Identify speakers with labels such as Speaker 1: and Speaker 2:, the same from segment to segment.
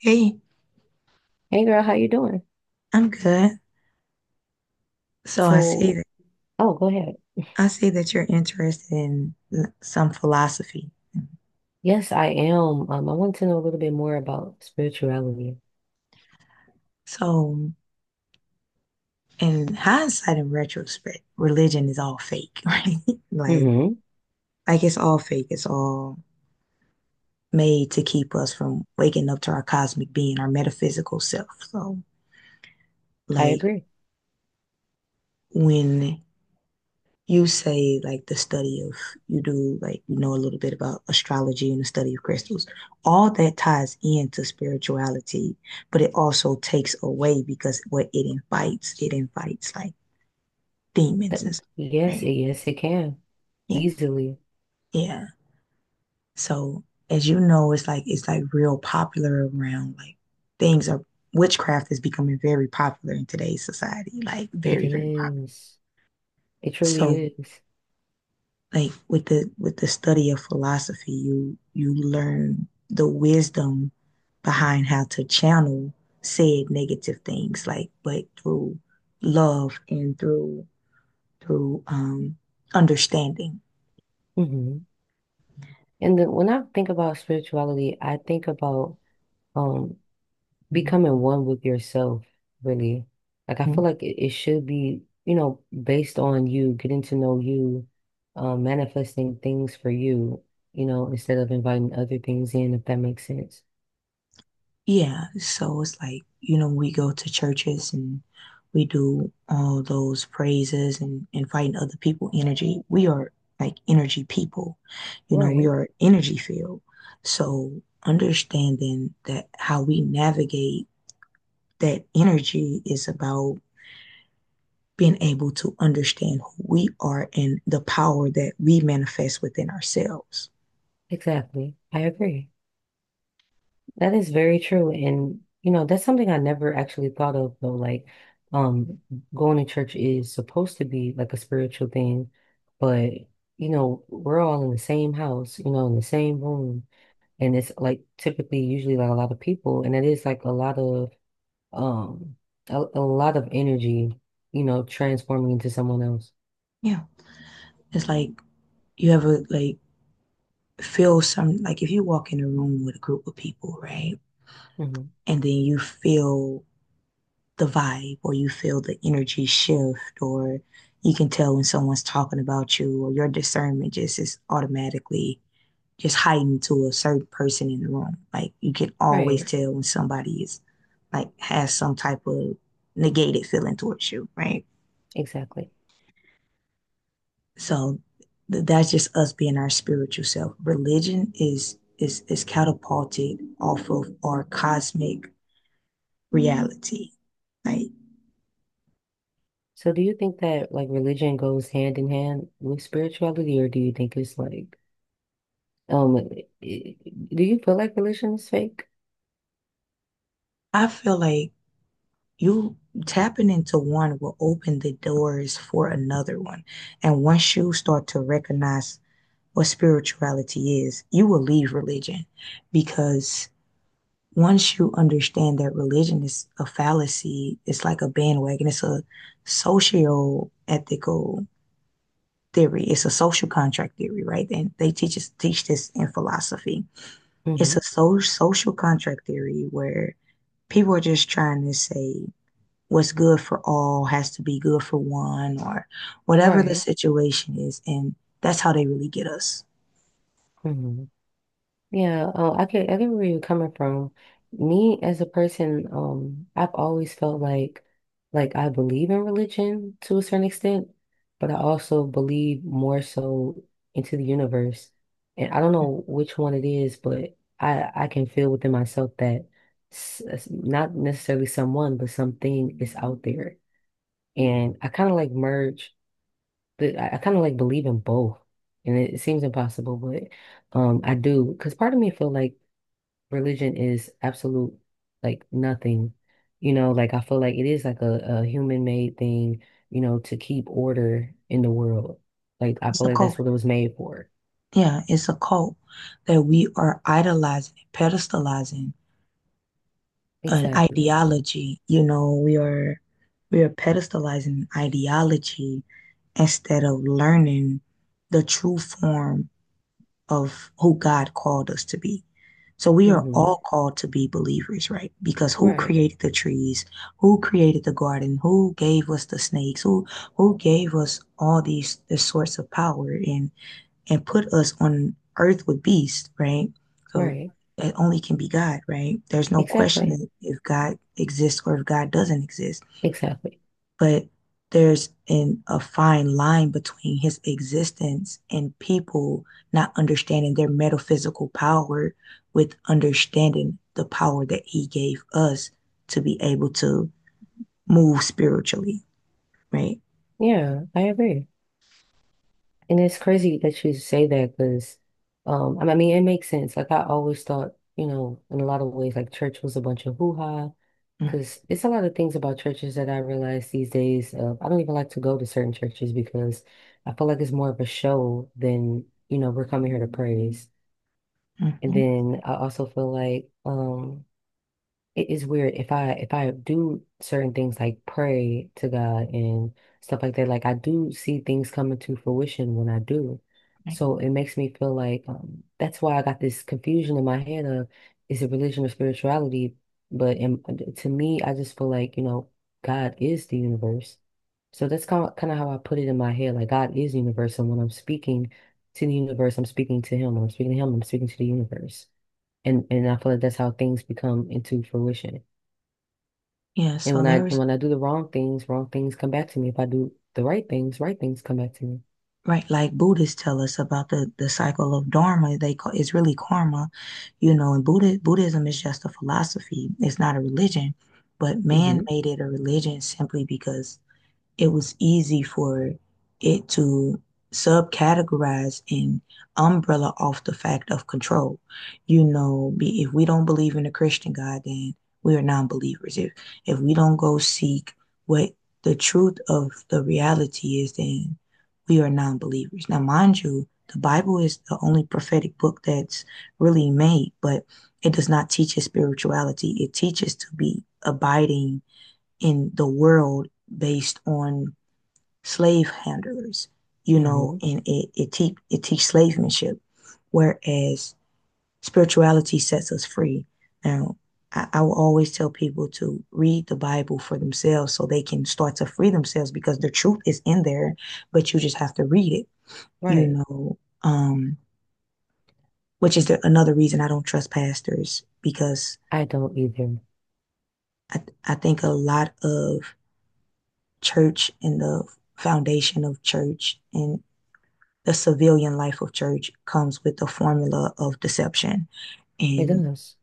Speaker 1: Hey,
Speaker 2: Hey girl, how you doing?
Speaker 1: I'm good. So I see
Speaker 2: So,
Speaker 1: that
Speaker 2: oh, go ahead.
Speaker 1: I see that you're interested in some philosophy.
Speaker 2: Yes, I am. I want to know a little bit more about spirituality.
Speaker 1: So in hindsight and retrospect, religion is all fake, right? Like
Speaker 2: Mm-hmm.
Speaker 1: it's all fake. It's all made to keep us from waking up to our cosmic being, our metaphysical self. So,
Speaker 2: I
Speaker 1: like,
Speaker 2: agree.
Speaker 1: when you say, like, the study of, you do, like, you know, a little bit about astrology and the study of crystals, all that ties into spirituality, but it also takes away because what it invites like
Speaker 2: That,
Speaker 1: demons and stuff,
Speaker 2: yes,
Speaker 1: right?
Speaker 2: yes, it can.
Speaker 1: Yeah,
Speaker 2: Easily.
Speaker 1: yeah. So, as you know, it's like real popular around, like, things are, witchcraft is becoming very popular in today's society, like,
Speaker 2: It
Speaker 1: very, very popular.
Speaker 2: is. It truly
Speaker 1: So,
Speaker 2: is.
Speaker 1: like, with the study of philosophy, you learn the wisdom behind how to channel said negative things, like, but through love and through through um understanding.
Speaker 2: Mm-hmm. And then when I think about spirituality, I think about um
Speaker 1: Mhm.
Speaker 2: becoming one with yourself, really. Like I feel like it should be, based on you, getting to know you, manifesting things for you, instead of inviting other things in, if that makes sense.
Speaker 1: Yeah, so it's like, you know, we go to churches and we do all those praises and inviting other people energy. We are like energy people. You know, we
Speaker 2: Right.
Speaker 1: are energy field. So understanding that how we navigate that energy is about being able to understand who we are and the power that we manifest within ourselves.
Speaker 2: Exactly. I agree. That is very true. And, you know, that's something I never actually thought of though. Um, Going to church is supposed to be like a spiritual thing, but you know, we're all in the same house, you know, in the same room. And it's like typically usually like a lot of people, and it is like a lot of um a lot of energy, you know, transforming into someone else.
Speaker 1: Yeah. It's like you ever like feel some like if you walk in a room with a group of people, right?
Speaker 2: Hmm.
Speaker 1: And then you feel the vibe or you feel the energy shift or you can tell when someone's talking about you or your discernment just is automatically just heightened to a certain person in the room. Like you can always
Speaker 2: Right.
Speaker 1: tell when somebody is like has some type of negated feeling towards you, right?
Speaker 2: Exactly.
Speaker 1: So that's just us being our spiritual self. Religion is catapulted off of our cosmic reality. Like
Speaker 2: So do you think that like religion goes hand in hand with spirituality, or do you think it's like um i- i- do you feel like religion is fake?
Speaker 1: I feel like you tapping into one will open the doors for another one. And once you start to recognize what spirituality is, you will leave religion because once you understand that religion is a fallacy, it's like a bandwagon, it's a social ethical theory. It's a social contract theory, right? And they teach this in philosophy. It's
Speaker 2: Hmm.
Speaker 1: a social contract theory where people are just trying to say what's good for all has to be good for one or whatever the
Speaker 2: Right.
Speaker 1: situation is, and that's how they really get us.
Speaker 2: Hmm. Yeah, I can, I can where you're coming from. Me as a person, I've always felt like I believe in religion to a certain extent, but I also believe more so into the universe. And I don't know which one it is, but I can feel within myself that not necessarily someone, but something is out there. And I kind of like merge, but I kind of like believe in both. And it seems impossible, but I do, because part of me feel like religion is absolute like nothing. You know, like I feel like it is like a human-made thing, you know, to keep order in the world. Like I
Speaker 1: It's
Speaker 2: feel
Speaker 1: a
Speaker 2: like
Speaker 1: cult.
Speaker 2: that's what it was made for.
Speaker 1: Yeah, it's a cult that we are idolizing and pedestalizing an
Speaker 2: Exactly.
Speaker 1: ideology. You know, we are pedestalizing ideology instead of learning the true form of who God called us to be. So we are
Speaker 2: Hmm.
Speaker 1: all called to be believers, right? Because who
Speaker 2: Right.
Speaker 1: created the trees? Who created the garden? Who gave us the snakes? Who gave us all these this source of power? And put us on earth with beasts, right? So
Speaker 2: Right.
Speaker 1: it only can be God, right? There's no question
Speaker 2: Exactly.
Speaker 1: that if God exists or if God doesn't exist.
Speaker 2: Exactly.
Speaker 1: But there's a fine line between his existence and people not understanding their metaphysical power with understanding the power that he gave us to be able to move spiritually, right?
Speaker 2: Yeah, I agree. And it's crazy that you say that because, I mean, it makes sense. Like I always thought, you know, in a lot of ways, like church was a bunch of hoo-ha. Because it's a lot of things about churches that I realize these days. I don't even like to go to certain churches, because I feel like it's more of a show than, you know, we're coming here to praise. And
Speaker 1: Mm-hmm.
Speaker 2: then I also feel like, it is weird if I do certain things like pray to God and stuff like that, like I do see things coming to fruition when I do.
Speaker 1: Right.
Speaker 2: So it makes me feel like that's why I got this confusion in my head of, is it religion or spirituality? But in, to me, I just feel like, you know, God is the universe. So that's kind of how I put it in my head. Like God is universe, and when I'm speaking to the universe, I'm speaking to him. When I'm speaking to him, I'm speaking to the universe. And I feel like that's how things become into fruition.
Speaker 1: Yeah,
Speaker 2: And
Speaker 1: so there was.
Speaker 2: when I do the wrong things come back to me. If I do the right things come back to me.
Speaker 1: Right, like Buddhists tell us about the cycle of dharma, they call it's really karma, you know, and Buddhism is just a philosophy. It's not a religion, but man
Speaker 2: Mm-hmm.
Speaker 1: made it a religion simply because it was easy for it to subcategorize and umbrella off the fact of control. You know, if we don't believe in the Christian God, then we are non-believers. If we don't go seek what the truth of the reality is, then we are non-believers. Now, mind you, the Bible is the only prophetic book that's really made, but it does not teach us spirituality. It teaches to be abiding in the world based on slave handlers, you know,
Speaker 2: Mm-hmm.
Speaker 1: and it teaches slavemanship, whereas spirituality sets us free. Now, I will always tell people to read the Bible for themselves so they can start to free themselves because the truth is in there, but you just have to read it, you
Speaker 2: Right.
Speaker 1: know, which is another reason I don't trust pastors because
Speaker 2: I don't either.
Speaker 1: I think a lot of church and the foundation of church and the civilian life of church comes with the formula of deception,
Speaker 2: It
Speaker 1: and
Speaker 2: does.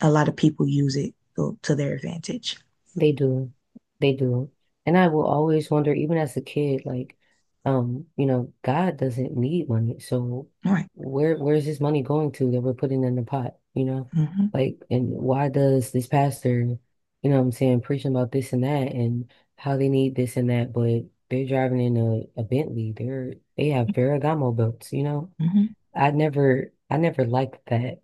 Speaker 1: a lot of people use it to their advantage.
Speaker 2: They do. They do. And I will always wonder, even as a kid, like, you know, God doesn't need money. So
Speaker 1: All right.
Speaker 2: where's this money going to that we're putting in the pot, you know?
Speaker 1: Mm-hmm,
Speaker 2: Like, and why does this pastor, you know what I'm saying, preaching about this and that and how they need this and that, but they're driving in a Bentley. They have Ferragamo belts, you know?
Speaker 1: mm-hmm,
Speaker 2: I never liked that.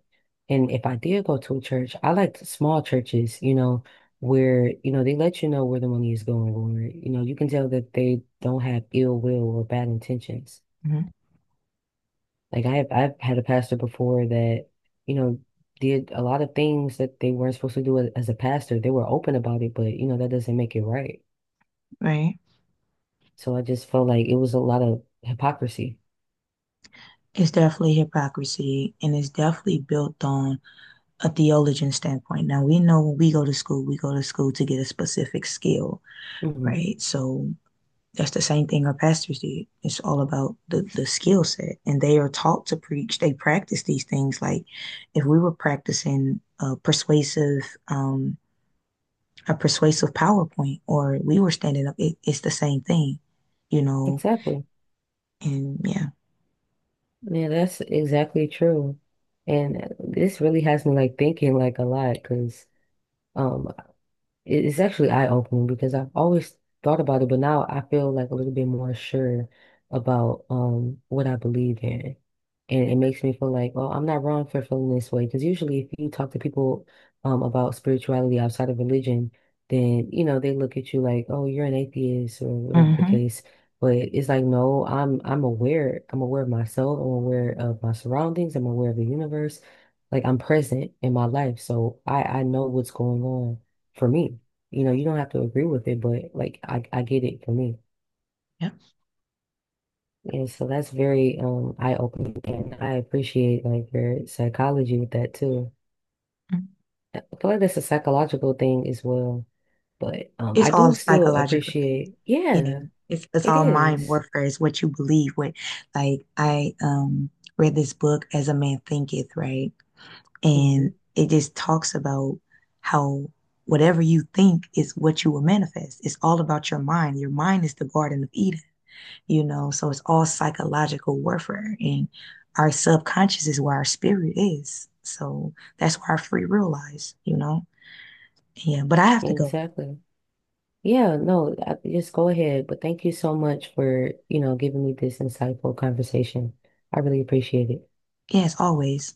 Speaker 2: And if I did go to a church, I liked small churches, you know, where, you know, they let you know where the money is going, or, you know, you can tell that they don't have ill will or bad intentions.
Speaker 1: mm-hmm,
Speaker 2: Like I've had a pastor before that, you know, did a lot of things that they weren't supposed to do as a pastor. They were open about it, but you know, that doesn't make it right.
Speaker 1: right.
Speaker 2: So I just felt like it was a lot of hypocrisy.
Speaker 1: It's definitely hypocrisy and it's definitely built on a theologian standpoint. Now, we know when we go to school, we go to school to get a specific skill,
Speaker 2: Hmm.
Speaker 1: right? So, that's the same thing our pastors did. It's all about the skill set. And they are taught to preach. They practice these things. Like if we were practicing um, a persuasive PowerPoint or we were standing up, it's the same thing, you know?
Speaker 2: Exactly.
Speaker 1: And yeah.
Speaker 2: Yeah, that's exactly true. And this really has me like thinking like a lot because um it's actually eye-opening, because I've always thought about it, but now I feel like a little bit more sure about what I believe in. And it makes me feel like, oh, I'm not wrong for feeling this way. Because usually if you talk to people about spirituality outside of religion, then you know, they look at you like, oh, you're an atheist or whatever the
Speaker 1: Mm-hmm.
Speaker 2: case. But it's like, no, I'm aware. I'm aware of myself. I'm aware of my surroundings. I'm aware of the universe. Like I'm present in my life. So I know what's going on for me. You know, you don't have to agree with it, but like I get it for me.
Speaker 1: Yep.
Speaker 2: And so that's very eye-opening, and I appreciate like your psychology with that too. I feel like that's a psychological thing as well. But
Speaker 1: It's
Speaker 2: I
Speaker 1: all
Speaker 2: do
Speaker 1: a
Speaker 2: still
Speaker 1: psychological thing.
Speaker 2: appreciate,
Speaker 1: Yeah.
Speaker 2: yeah,
Speaker 1: It's
Speaker 2: it
Speaker 1: all mind
Speaker 2: is.
Speaker 1: warfare. It's what you believe. What, like I, read this book as a man thinketh, right? And
Speaker 2: Mhm.
Speaker 1: it just talks about how whatever you think is what you will manifest. It's all about your mind. Your mind is the Garden of Eden, you know? So it's all psychological warfare. And our subconscious is where our spirit is. So that's where our free will lies, you know? Yeah, but I have to go.
Speaker 2: Exactly. Yeah, no, just go ahead. But thank you so much for, you know, giving me this insightful conversation. I really appreciate it.
Speaker 1: Yes, always.